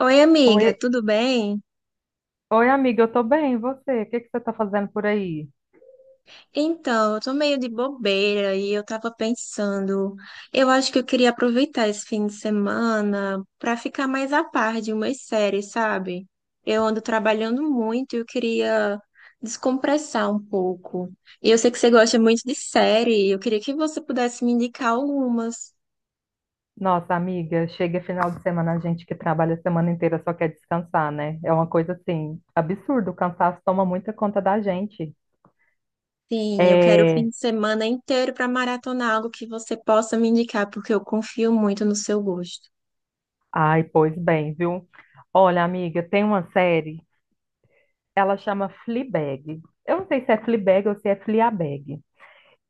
Oi, Oi, amiga, tudo bem? oi, amiga, eu tô bem, e você? O que que você tá fazendo por aí? Então, eu tô meio de bobeira e eu tava pensando, eu acho que eu queria aproveitar esse fim de semana pra ficar mais a par de umas séries, sabe? Eu ando trabalhando muito e eu queria descompressar um pouco. E eu sei que você gosta muito de série, e eu queria que você pudesse me indicar algumas. Nossa, amiga, chega final de semana, a gente que trabalha a semana inteira só quer descansar, né? É uma coisa assim, absurdo, o cansaço toma muita conta da gente. Sim, eu quero o fim É, de semana inteiro pra maratonar algo que você possa me indicar, porque eu confio muito no seu gosto. ai, pois bem, viu? Olha, amiga, tem uma série, ela chama Fleabag. Eu não sei se é Fleabag ou se é Fleabag.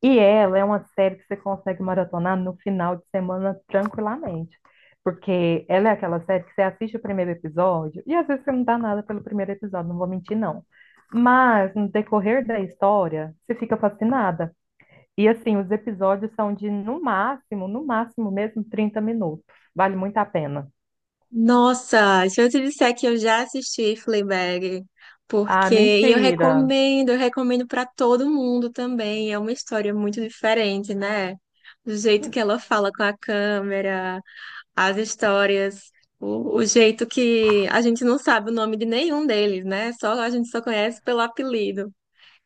E ela é uma série que você consegue maratonar no final de semana tranquilamente. Porque ela é aquela série que você assiste o primeiro episódio e às vezes você não dá nada pelo primeiro episódio, não vou mentir, não. Mas no decorrer da história, você fica fascinada. E assim, os episódios são de no máximo, no máximo mesmo 30 minutos. Vale muito a pena. Nossa, se eu te disser que eu já assisti Fleabag, Ah, porque mentira. Eu recomendo para todo mundo também. É uma história muito diferente, né? Do jeito que ela fala com a câmera, as histórias, o jeito que a gente não sabe o nome de nenhum deles, né? Só a gente só conhece pelo apelido.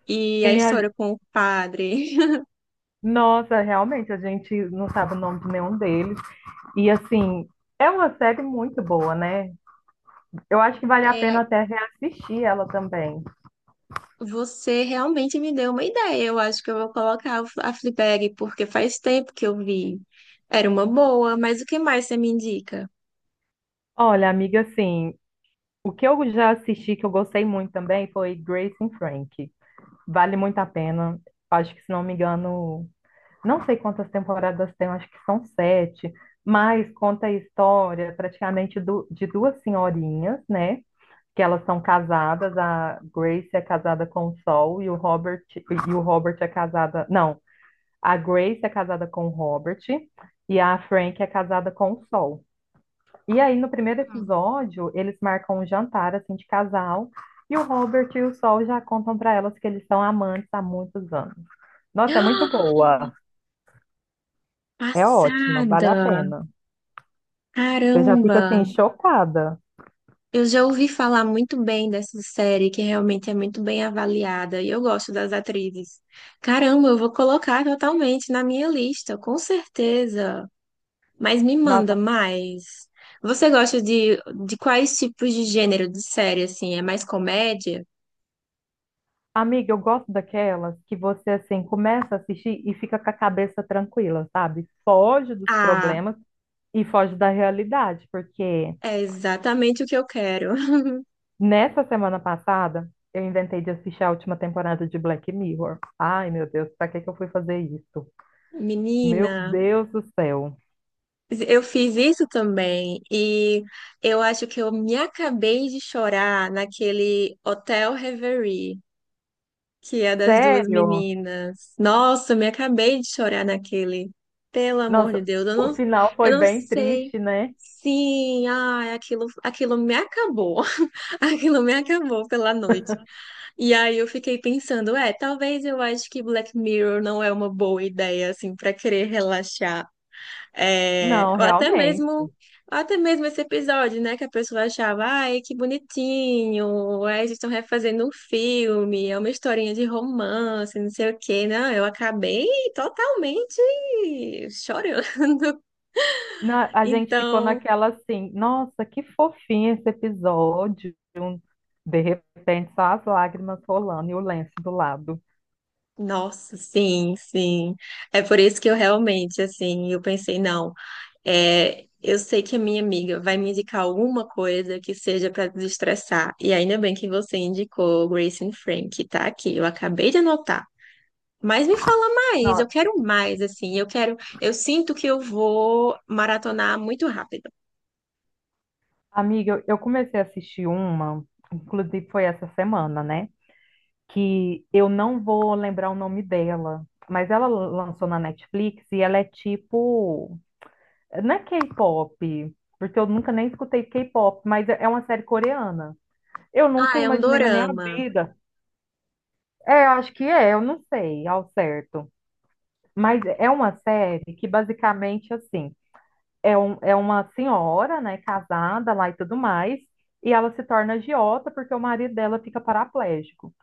E a Tem a- história com o padre. Nossa, realmente, a gente não sabe o nome de nenhum deles. E assim, é uma série muito boa, né? Eu acho que vale a pena até reassistir ela também. Você realmente me deu uma ideia. Eu acho que eu vou colocar a Fleabag, porque faz tempo que eu vi. Era uma boa, mas o que mais você me indica? Olha, amiga, assim, o que eu já assisti que eu gostei muito também foi Grace and Frank. Vale muito a pena. Acho que, se não me engano, não sei quantas temporadas tem, acho que são sete, mas conta a história praticamente de duas senhorinhas, né? Que elas são casadas, a Grace é casada com o Sol e o Robert é casada. Não, a Grace é casada com o Robert e a Frank é casada com o Sol. E aí, no primeiro Hum. episódio, eles marcam um jantar, assim, de casal, e o Robert e o Sol já contam para elas que eles são amantes há muitos anos. Nossa, é muito boa. É ótima, vale Passada! a pena. Você já fica, Caramba! assim, chocada. Eu já ouvi falar muito bem dessa série, que realmente é muito bem avaliada, e eu gosto das atrizes. Caramba, eu vou colocar totalmente na minha lista, com certeza. Mas me manda Nossa, mais. Você gosta de, de quais tipos de gênero de série, assim? É mais comédia? amiga, eu gosto daquelas que você, assim, começa a assistir e fica com a cabeça tranquila, sabe? Foge dos Ah, problemas e foge da realidade, porque é exatamente o que eu quero. nessa semana passada, eu inventei de assistir a última temporada de Black Mirror. Ai, meu Deus, pra que que eu fui fazer isso? Menina, Meu Deus do céu. eu fiz isso também e eu acho que eu me acabei de chorar naquele Hotel Reverie, que é das duas Sério? meninas. Nossa, eu me acabei de chorar naquele. Pelo amor Nossa, de Deus, o final eu foi não bem sei. triste, né? Sim, ai, aquilo me acabou. Aquilo me acabou pela noite. E aí eu fiquei pensando, é, talvez eu acho que Black Mirror não é uma boa ideia, assim, para querer relaxar. É, Não, ou até mesmo, realmente. até mesmo esse episódio, né, que a pessoa achava, ai, que bonitinho, é, eles estão refazendo um filme, é uma historinha de romance, não sei o quê. Não, eu acabei totalmente chorando. A gente ficou Então, naquela assim, nossa, que fofinho esse episódio. De repente, só as lágrimas rolando e o lenço do lado. nossa, sim, sim. É por isso que eu realmente, assim, eu pensei, não. É, eu sei que a minha amiga vai me indicar alguma coisa que seja para desestressar. E ainda bem que você indicou Grace and Frank, que tá aqui. Eu acabei de anotar. Mas me fala mais, eu Não, quero mais, assim, eu quero, eu sinto que eu vou maratonar muito rápido. amiga, eu comecei a assistir uma, inclusive foi essa semana, né? Que eu não vou lembrar o nome dela, mas ela lançou na Netflix e ela é tipo, não é K-pop, porque eu nunca nem escutei K-pop, mas é uma série coreana. Eu Ah, nunca é um imaginei na minha dorama. vida. É, eu acho que é, eu não sei ao certo. Mas é uma série que basicamente assim, é, um, é uma senhora, né, casada lá e tudo mais, e ela se torna agiota porque o marido dela fica paraplégico.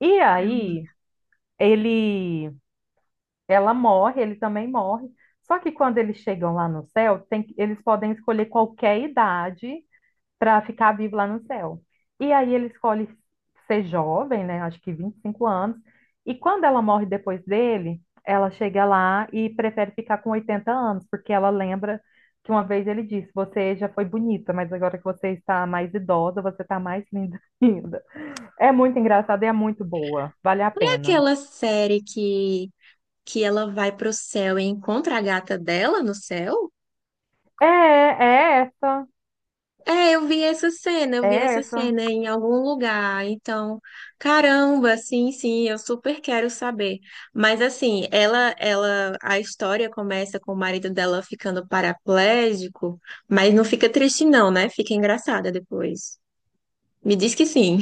E Caramba. aí ele Ela morre, ele também morre. Só que quando eles chegam lá no céu, eles podem escolher qualquer idade para ficar vivo lá no céu. E aí ele escolhe ser jovem, né? Acho que 25 anos. E quando ela morre depois dele, ela chega lá e prefere ficar com 80 anos, porque ela lembra que uma vez ele disse: Você já foi bonita, mas agora que você está mais idosa, você está mais linda ainda. É muito engraçada e é muito boa. Vale a É pena. aquela série que ela vai pro céu e encontra a gata dela no céu? É, é essa. É, eu vi essa cena, eu vi É essa essa. cena em algum lugar. Então, caramba, sim, sim, eu super quero saber. Mas assim, a história começa com o marido dela ficando paraplégico, mas não fica triste não, né? Fica engraçada depois. Me diz que sim.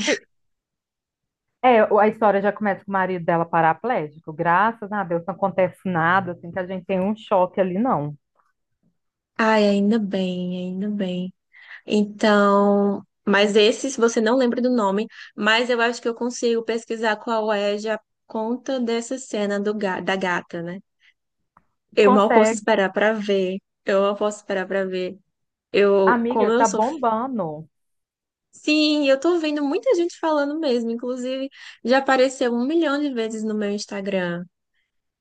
É, o- a história já começa com o marido dela paraplégico. Graças a Deus não acontece nada, assim, que a gente tem um choque ali, não. Ai, ainda bem, ainda bem. Então, mas esse, se você não lembra do nome, mas eu acho que eu consigo pesquisar qual é já por conta dessa cena do, da gata, né? Eu mal posso Consegue. esperar pra ver. Eu mal posso esperar pra ver. Eu, Amiga, como eu tá sou. bombando. Sim, eu tô vendo muita gente falando mesmo. Inclusive, já apareceu um milhão de vezes no meu Instagram.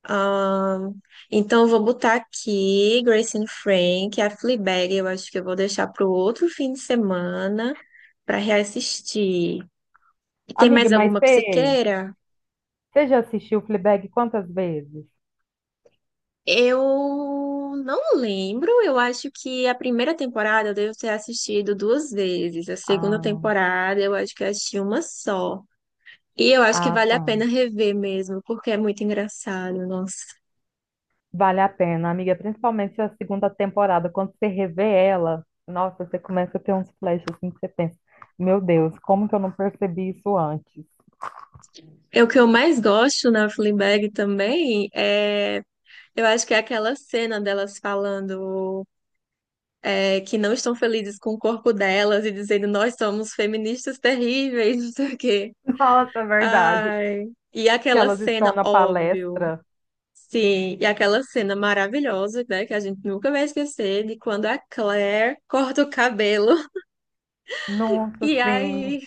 Ahn, então, eu vou botar aqui Grace and Frank, a Fleabag. Eu acho que eu vou deixar pro outro fim de semana pra reassistir. E tem Amiga, mais mas alguma que você você queira? você já assistiu Fleabag quantas vezes? Eu não lembro, eu acho que a primeira temporada eu devo ter assistido duas vezes, a segunda Ah, temporada eu acho que eu assisti uma só. E eu acho que ah, vale tá. a pena rever mesmo, porque é muito engraçado, nossa. Vale a pena, amiga, principalmente a segunda temporada. Quando você revê ela, nossa, você começa a ter uns flashes assim que você pensa, meu Deus, como que eu não percebi isso antes? É o que eu mais gosto na Fleabag também, é, eu acho que é aquela cena delas falando é, que não estão felizes com o corpo delas e dizendo nós somos feministas terríveis, não sei o quê. Nossa, é verdade. Ai, e Que aquela elas estão cena, na óbvio. palestra. Sim, e aquela cena maravilhosa, né, que a gente nunca vai esquecer, de quando a Claire corta o cabelo Nossa, e sim. aí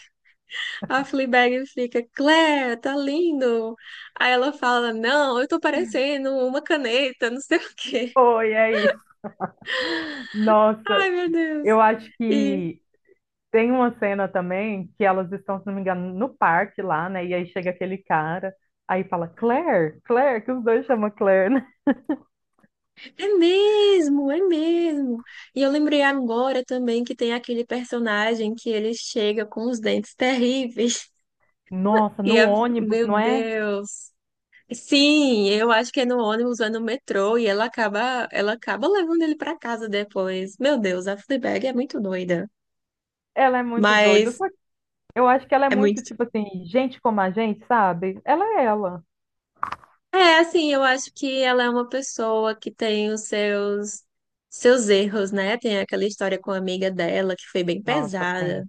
a Fleabag fica, Claire, tá lindo. Aí ela fala, não, eu tô parecendo uma caneta, não sei o quê. Foi aí. Nossa, Ai, meu Deus. eu acho E que tem uma cena também que elas estão, se não me engano, no parque lá, né? E aí chega aquele cara, aí fala Claire, Claire, que os dois chamam Claire, né? é mesmo, é mesmo. E eu lembrei agora também que tem aquele personagem que ele chega com os dentes terríveis. Nossa, E no a... ônibus, Meu não é? Deus. Sim, eu acho que é no ônibus, é no metrô e ela acaba levando ele pra casa depois. Meu Deus, a Fleabag é muito doida, Ela é muito doida. mas Só que eu acho que ela é é muito, muito. tipo assim, gente como a gente, sabe? Ela é ela. É, assim, eu acho que ela é uma pessoa que tem os seus erros, né? Tem aquela história com a amiga dela que foi bem Nossa, pesada. sim.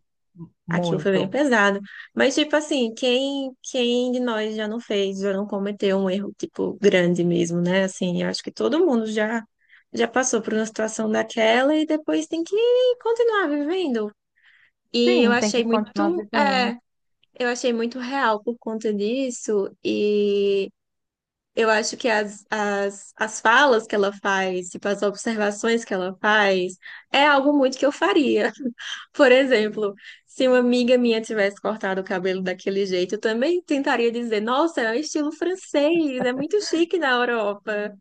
Aquilo foi bem Muito. pesado. Mas, tipo assim, quem de nós já não fez, já não cometeu um erro, tipo, grande mesmo, né? Assim, eu acho que todo mundo já passou por uma situação daquela e depois tem que continuar vivendo. E eu Sim, tem que achei continuar muito, é, vivendo. eu achei muito real por conta disso. E eu acho que as falas que ela faz, tipo, as observações que ela faz, é algo muito que eu faria. Por exemplo, se uma amiga minha tivesse cortado o cabelo daquele jeito, eu também tentaria dizer, nossa, é um estilo francês, é muito chique na Europa.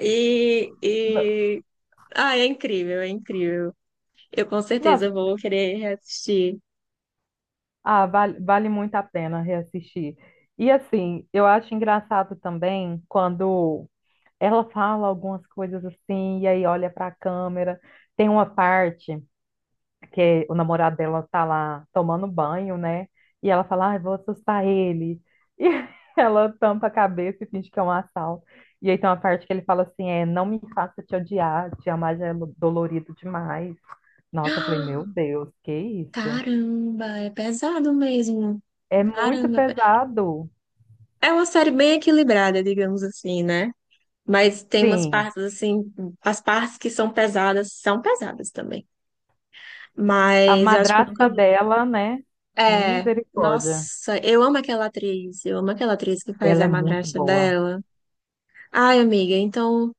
No- E... Ah, é incrível, é incrível. Eu com Nossa, certeza vou querer reassistir. ah, vale, vale muito a pena reassistir. E assim, eu acho engraçado também quando ela fala algumas coisas assim, e aí olha para a câmera. Tem uma parte que o namorado dela tá lá tomando banho, né? E ela fala, ai, vou assustar ele. E ela tampa a cabeça e finge que é um assalto. E aí tem uma parte que ele fala assim, é, não me faça te odiar, te amar já é dolorido demais. Nossa, eu falei, meu Deus, que isso? Caramba, é pesado mesmo. É muito Caramba, pesado. é uma série bem equilibrada, digamos assim, né? Mas tem umas Sim, partes assim, as partes que são pesadas também. a Mas eu acho que eu nunca. madrasta dela, né? É, Misericórdia. nossa, eu amo aquela atriz, eu amo aquela atriz que faz Ela a é muito madrasta boa. dela. Ai, amiga, então,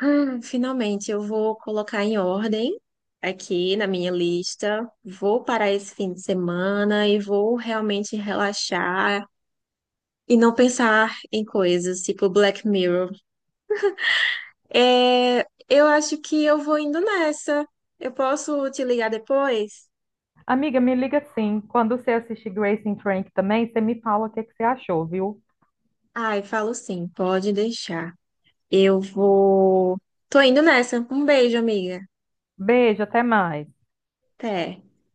finalmente eu vou colocar em ordem aqui na minha lista. Vou parar esse fim de semana e vou realmente relaxar e não pensar em coisas tipo Black Mirror. É, eu acho que eu vou indo nessa. Eu posso te ligar depois? Amiga, me liga sim. Quando você assistir Grace and Frank também, você me fala o que é que você achou, viu? Ai, falo sim, pode deixar. Eu vou. Tô indo nessa. Um beijo, amiga. Beijo, até mais. Até.